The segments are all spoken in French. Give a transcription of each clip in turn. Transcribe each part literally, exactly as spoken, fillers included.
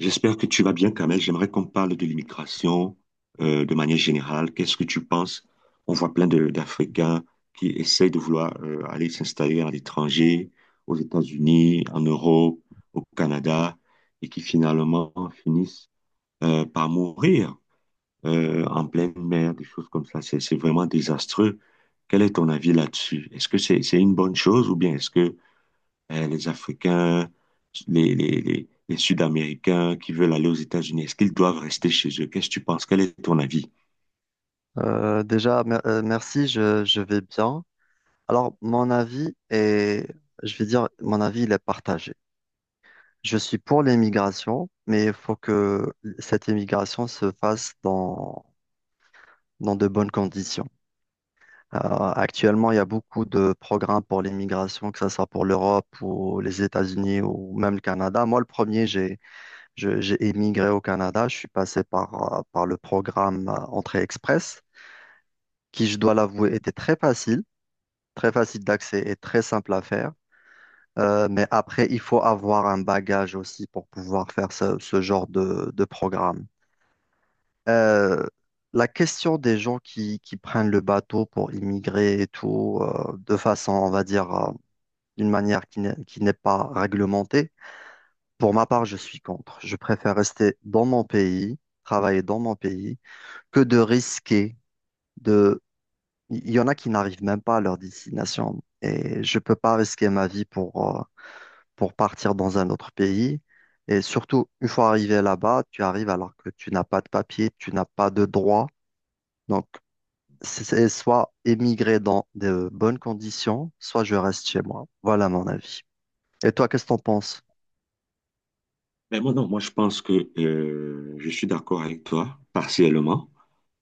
J'espère que tu vas bien, Kamel. J'aimerais qu'on parle de l'immigration euh, de manière générale. Qu'est-ce que tu penses? On voit plein de- d'Africains qui essayent de vouloir euh, aller s'installer à l'étranger, aux États-Unis, en Europe, au Canada, et qui finalement finissent euh, par mourir euh, en pleine mer, des choses comme ça. C'est c'est vraiment désastreux. Quel est ton avis là-dessus? Est-ce que c'est c'est une bonne chose ou bien est-ce que euh, les Africains, les, les, les, les Sud-Américains qui veulent aller aux États-Unis? Est-ce qu'ils doivent rester chez eux? Qu'est-ce que tu penses? Quel est ton avis? Euh, déjà, mer- euh, merci, je, je vais bien. Alors, mon avis est, je vais dire, mon avis, il est partagé. Je suis pour l'émigration, mais il faut que cette émigration se fasse dans, dans de bonnes conditions. Euh, actuellement, il y a beaucoup de programmes pour l'immigration, que ce soit pour l'Europe ou les États-Unis ou même le Canada. Moi, le premier, j'ai, je- j'ai émigré au Canada. Je suis passé par, euh, par le programme euh, Entrée Express, qui, je dois l'avouer, était très facile. Très facile d'accès et très simple à faire. Euh, mais après, il faut avoir un bagage aussi pour pouvoir faire ce, ce genre de, de programme. Euh, la question des gens qui, qui prennent le bateau pour immigrer et tout, euh, de façon, on va dire, euh, d'une manière qui n'est qui n'est pas réglementée, pour ma part, je suis contre. Je préfère rester dans mon pays, travailler dans mon pays, que de risquer de... Il y en a qui n'arrivent même pas à leur destination. Et je peux pas risquer ma vie pour, euh, pour partir dans un autre pays. Et surtout, une fois arrivé là-bas, tu arrives alors que tu n'as pas de papier, tu n'as pas de droit. Donc, c'est soit émigrer dans de bonnes conditions, soit je reste chez moi. Voilà mon avis. Et toi, qu'est-ce que t'en penses? Mais moi, non, moi, je pense que euh, je suis d'accord avec toi, partiellement,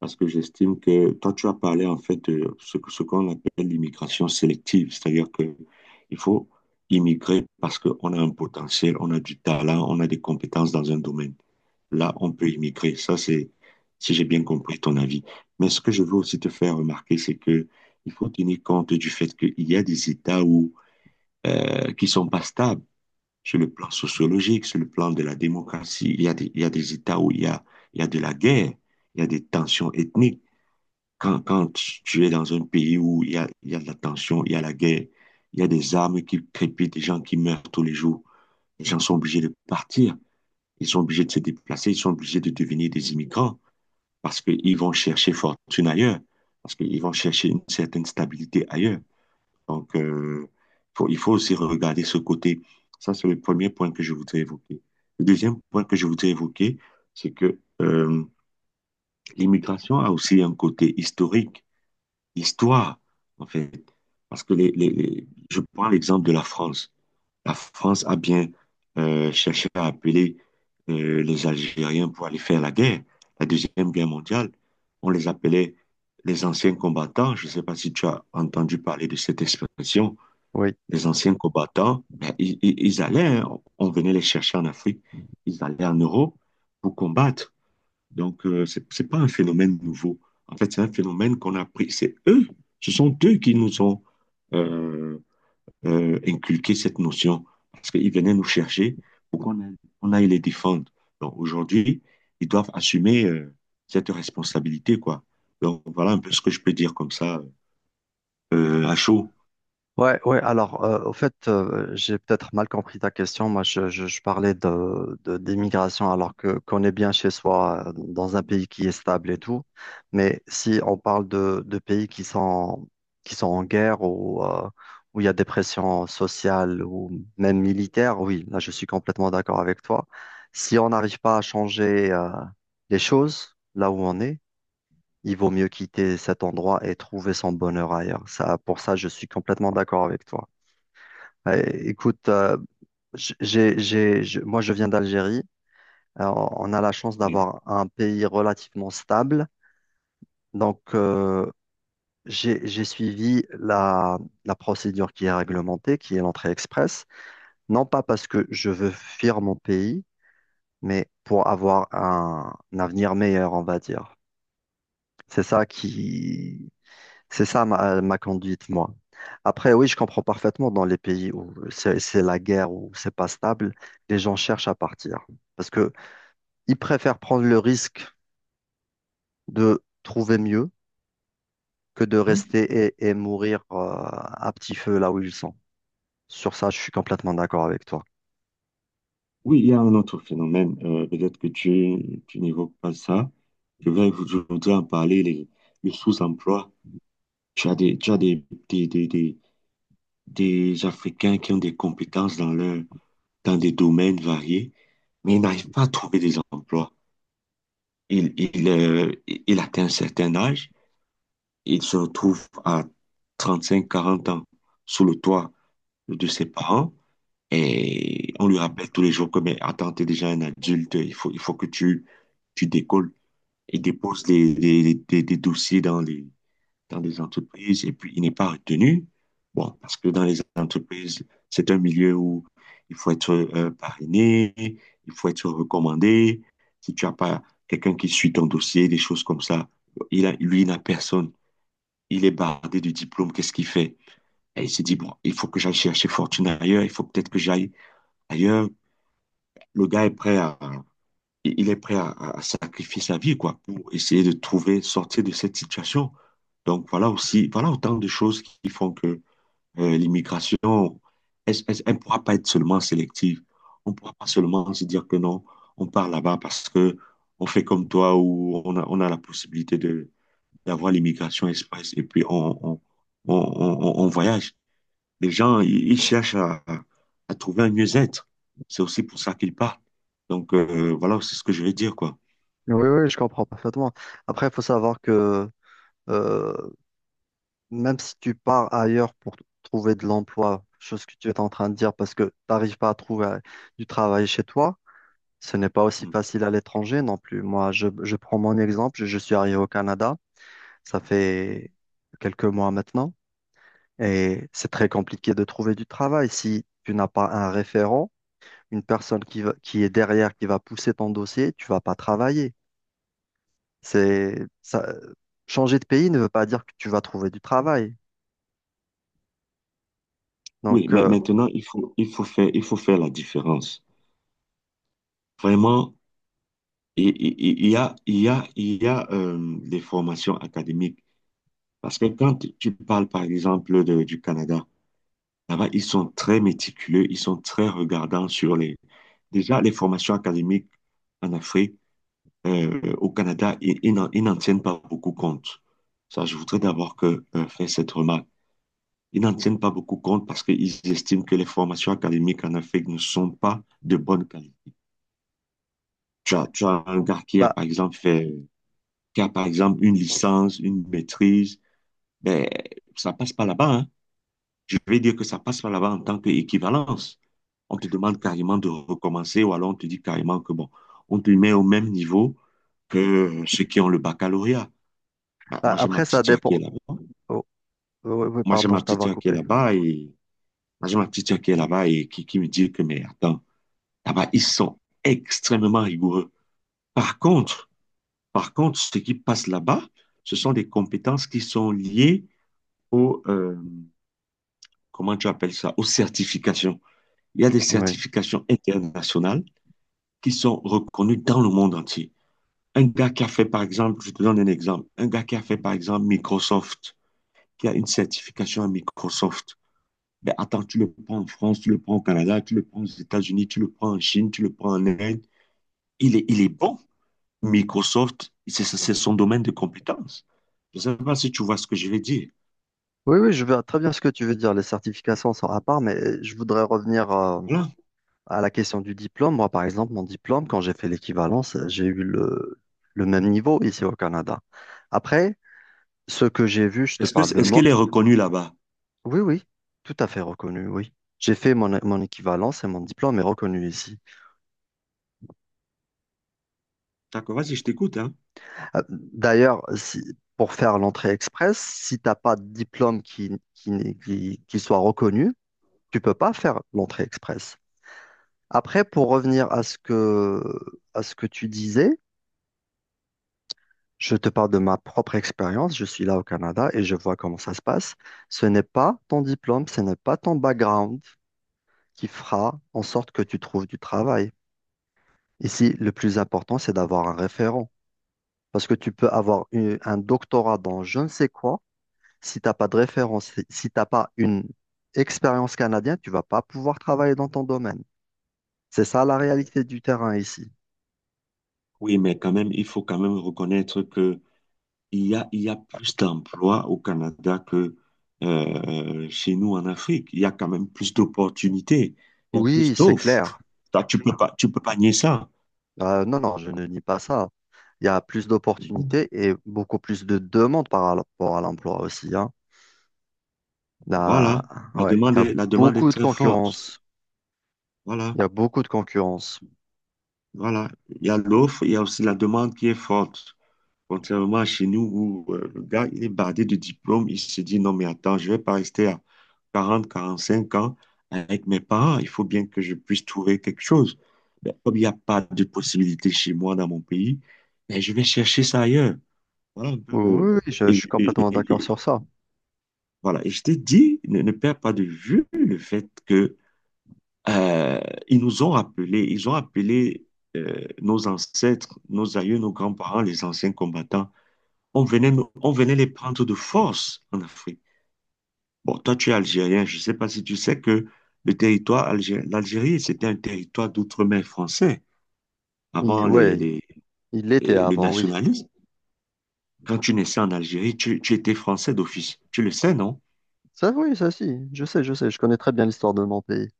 parce que j'estime que toi, tu as parlé en fait de ce, que- ce qu'on appelle l'immigration sélective, c'est-à-dire que il faut immigrer parce qu'on a un potentiel, on a du talent, on a des compétences dans un domaine. Là, on peut immigrer. Ça, c'est, si j'ai bien compris ton avis. Mais ce que je veux aussi te faire remarquer, c'est que il faut tenir compte du fait qu'il y a des États où, euh, qui sont pas stables. Sur le plan sociologique, sur le plan de la démocratie, il y a des, il y a des États où il y a, il y a de la guerre, il y a des tensions ethniques. Quand, quand tu es dans un pays où il y a, il y a de la tension, il y a la guerre, il y a des armes qui crépitent, des gens qui meurent tous les jours, les gens sont obligés de partir, ils sont obligés de se déplacer, ils sont obligés de devenir des immigrants parce qu'ils vont chercher fortune ailleurs, parce qu'ils vont chercher une certaine stabilité ailleurs. Donc, euh, faut- il faut aussi regarder ce côté. Ça, c'est le premier point que je voudrais évoquer. Le deuxième point que je voudrais évoquer, c'est que euh, l'immigration a aussi un côté historique, histoire, en fait. Parce que les, les- les- je prends l'exemple de la France. La France a bien euh, cherché à appeler euh, les Algériens pour aller faire la guerre, la Deuxième Guerre mondiale. On les appelait les anciens combattants. Je ne sais pas si tu as entendu parler de cette expression Oui. les anciens combattants, ben, ils, ils- allaient, hein, on venait les chercher en Afrique, ils allaient en Europe pour combattre. Donc, euh, c'est c'est pas un phénomène nouveau. En fait, c'est un phénomène qu'on a pris. C'est eux, ce sont eux qui nous ont euh, euh, inculqué cette notion, parce qu'ils venaient nous chercher pour qu'on aille, on aille les défendre. Donc, aujourd'hui, ils doivent assumer euh, cette responsabilité, quoi. Donc, voilà un peu ce que je peux dire comme ça, euh, à chaud. Ouais, ouais. Alors, euh, au fait, euh, j'ai peut-être mal compris ta question. Moi, je, je, je parlais de, de- d'immigration, alors que qu'on est bien chez soi, euh, dans un pays qui est stable et tout. Mais si on parle de, de pays qui sont qui sont en guerre ou euh, où il y a des pressions sociales ou même militaires, oui, là, je suis complètement d'accord avec toi. Si on n'arrive pas à changer euh, les choses là où on est. Il vaut mieux quitter cet endroit et trouver son bonheur ailleurs. Ça, pour ça, je suis complètement d'accord avec toi. Euh, Écoute, euh, j- j'ai, j'ai, je- moi je viens d'Algérie. Euh, on a la chance Oui. d'avoir un pays relativement stable. Donc, euh, j'ai, j'ai suivi la, la procédure qui est réglementée, qui est l'entrée express. Non pas parce que je veux fuir mon pays, mais pour avoir un, un avenir meilleur, on va dire. C'est ça qui, C'est ça ma, ma conduite, moi. Après, oui, je comprends parfaitement dans les pays où c'est c'est la guerre, où c'est pas stable, les gens cherchent à partir. Parce que ils préfèrent prendre le risque de trouver mieux que de rester et, et mourir euh, à petit feu là où ils sont. Sur ça, je suis complètement d'accord avec toi. Oui, il y a un autre phénomène, euh, peut-être que tu, tu n'évoques pas ça. Je vais aujourd'hui en parler, les- le sous-emploi. Tu as des, tu as des, des, des, des, des Africains qui ont des compétences dans leur, dans des domaines variés, mais ils n'arrivent pas à trouver des emplois. Ils, ils, euh, ils atteignent un certain âge, ils se retrouvent à trente-cinq quarante ans sous le toit de ses parents. Et on lui rappelle tous les jours que, mais attends, t'es déjà un adulte, il faut, il faut que tu, tu décolles et déposes des, des, des- des dossiers dans les, dans des entreprises. Et puis, il n'est pas retenu. Bon, parce que dans les entreprises, c'est un milieu où il faut être euh, parrainé, il faut être recommandé. Si tu n'as pas quelqu'un qui suit ton dossier, des choses comme ça, il a, lui, il n'a personne. Il est bardé du diplôme, qu'est-ce qu'il fait? Et il s'est dit, bon, il faut que j'aille chercher fortune ailleurs, il faut peut-être que j'aille ailleurs. Le gars est prêt à, il est prêt à, à sacrifier sa vie, quoi, pour essayer de trouver, sortir de cette situation. Donc, voilà aussi, voilà autant de choses qui font que euh, l'immigration, elle ne pourra pas être seulement sélective. On ne pourra pas seulement se dire que non, on part là-bas parce que on fait comme toi ou on a, on a la possibilité de, d'avoir l'immigration express et puis on, on, on, on, on voyage. Les gens, ils, ils cherchent à, à trouver un mieux-être. C'est aussi pour ça qu'ils partent. Donc, euh, voilà, c'est ce que je vais dire, quoi. Oui, oui, je comprends parfaitement. Après, il faut savoir que euh, même si tu pars ailleurs pour t- trouver de l'emploi, chose que tu es en train de dire parce que tu n'arrives pas à trouver euh, du travail chez toi. Ce n'est pas aussi Mm. facile à l'étranger non plus. Moi, je, je prends mon exemple. Je, je suis arrivé au Canada. Ça fait quelques mois maintenant. Et c'est très compliqué de trouver du travail. Si tu n'as pas un référent, une personne qui va- qui est derrière, qui va pousser ton dossier, tu vas pas travailler. C'est, ça, changer de pays ne veut pas dire que tu vas trouver du travail. Oui, Donc, mais euh, maintenant, il faut, il faut faire, il faut faire la différence. Vraiment, il il- il y a, il y a, il y a euh, des formations académiques. Parce que quand tu parles, par exemple, de- du Canada, là-bas, ils sont très méticuleux, ils sont très regardants sur les... Déjà, les formations académiques en Afrique, euh, au Canada, ils, ils n'en ils n'en tiennent pas beaucoup compte. Ça, je voudrais d'abord que, euh, faire cette remarque. Ils n'en tiennent pas beaucoup compte parce qu'ils estiment que les formations académiques en Afrique ne sont pas de bonne qualité. Tu as, tu as un gars qui a, bah, par exemple, fait, qui a, par exemple, une licence, une maîtrise, ben, ça passe pas là-bas, hein. Je vais dire que ça passe pas là-bas en tant qu'équivalence. On te demande carrément de recommencer ou alors on te dit carrément que bon, on te met au même niveau que ceux qui ont le baccalauréat. Bah, Bah, moi, j'ai ma après, ça petite sœur qui est dépend. là-bas. Oh, oh, oui, oui, Moi, j'ai pardon, ma je petite t'avais sœur qui est coupé. là-bas et moi, j'ai ma petite sœur qui est là-bas et qui, qui me dit que, mais attends, là-bas, ils sont extrêmement rigoureux. Par contre, par contre, ce qui passe là-bas, ce sont des compétences qui sont liées au, euh, comment tu appelles ça, aux certifications. Il y a des Oui. certifications internationales qui sont reconnues dans le monde entier. Un gars qui a fait, par exemple, je te donne un exemple, un gars qui a fait, par exemple, Microsoft, qui a une certification à Microsoft. Ben attends, tu le prends en France, tu le prends au Canada, tu le prends aux États-Unis, tu le prends en Chine, tu le prends en Inde. Il est, il est bon. Microsoft, c'est c'est son domaine de compétence. Je ne sais pas si tu vois ce que je vais dire. Oui, oui, je vois très bien ce que tu veux dire. Les certifications sont à part, mais je voudrais revenir. euh, Voilà. À la question du diplôme, moi, par exemple, mon diplôme, quand j'ai fait l'équivalence, j'ai eu le, le même niveau ici au Canada. Après, ce que j'ai vu, je te Est-ce que, parle de est-ce moi. qu'il est reconnu là-bas? Oui, oui, tout à fait reconnu, oui. J'ai fait mon, mon équivalence et mon diplôme est reconnu ici. D'accord, vas-y, je t'écoute, hein. Euh, D'ailleurs, si- pour faire l'entrée express, si tu n'as pas de diplôme qui, qui, n'est- qui, qui soit reconnu, tu peux pas faire l'entrée express. Après, pour revenir à ce que, à ce que tu disais, je te parle de ma propre expérience. Je suis là au Canada et je vois comment ça se passe. Ce n'est pas ton diplôme, ce n'est pas ton background qui fera en sorte que tu trouves du travail. Ici, le plus important, c'est d'avoir un référent. Parce que tu peux avoir une- un doctorat dans je ne sais quoi. Si tu n'as pas de référence, si si t'as pas une expérience canadienne, tu vas pas pouvoir travailler dans ton domaine. C'est ça la Mhm. réalité du terrain ici. Oui, mais quand même, il faut quand même reconnaître que il y a, il y a plus d'emplois au Canada que euh, chez nous en Afrique. Il y a quand même plus d'opportunités, il y a Oui, plus c'est clair. d'offres. Ça, Tu peux pas, tu peux pas nier ça. Euh, non, non, je ne nie pas ça. Il y a plus d'opportunités et beaucoup plus de demandes par rapport à l'emploi aussi, hein. Là, Voilà, la ouais, demande il y a est, la demande est beaucoup de très forte. concurrence. Voilà, Il y a beaucoup de concurrence. voilà. Il y a l'offre, il y a aussi la demande qui est forte. Contrairement à chez nous où euh, le gars, il est bardé de diplôme, il se dit non, mais attends, je ne vais pas rester à quarante quarante-cinq ans avec mes parents. Il faut bien que je puisse trouver quelque chose. Ben, comme il n'y a pas de possibilité chez moi dans mon pays, ben, je vais chercher ça ailleurs. Voilà un peu Oui, le. oui, oui, je, je Et, suis et- complètement et- d'accord et- sur ça. voilà. Et je t'ai dit, ne, ne perds pas de vue le fait que Euh, ils nous ont rappelé, ils ont appelé euh, nos ancêtres, nos aïeux, nos grands-parents, les anciens combattants. On venait, nous- on venait les prendre de force en Afrique. Bon, toi, tu es algérien, je ne sais pas si tu sais que le territoire algérien, l'Algérie, c'était un territoire d'outre-mer français Il, avant les, Ouais, les- il l'était les- le avant, oui. nationalisme. Quand tu naissais en Algérie, tu, tu étais français d'office. Tu le sais, non? Ça, oui, ça, si. Je sais, je sais. Je connais très bien l'histoire de mon pays.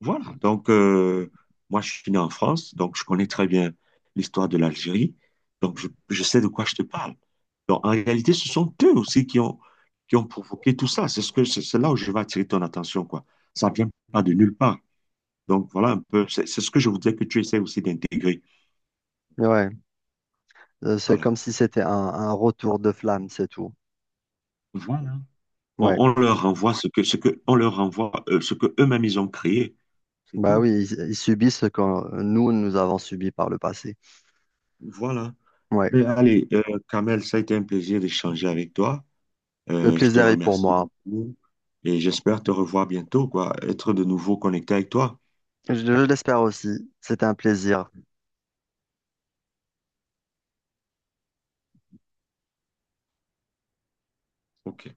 Voilà, donc euh, moi je suis né en France, donc je connais très bien l'histoire de l'Algérie, donc je, je sais de quoi je te parle. Donc en réalité, ce sont eux aussi qui ont, qui ont provoqué tout ça. C'est ce que, c'est c'est là où je vais attirer ton attention, quoi. Ça vient pas de nulle part. Donc voilà un peu, c'est c'est ce que je voudrais que tu essaies aussi d'intégrer. Ouais, euh, c'est Voilà. comme si c'était un, un retour de flamme, c'est tout. Voilà. On, Ouais, on leur renvoie ce que, ce que, on leur renvoie euh, ce que eux-mêmes ils ont créé. C'est bah tout. oui, ils, ils subissent ce que nous, nous avons subi par le passé. Voilà. Ouais. Ben, allez, euh, Kamel, ça a été un plaisir d'échanger avec toi. Le Euh, je te plaisir est pour remercie moi. beaucoup et j'espère te revoir bientôt, quoi, être de nouveau connecté avec toi. Je, je l'espère aussi. C'était un plaisir. Ok,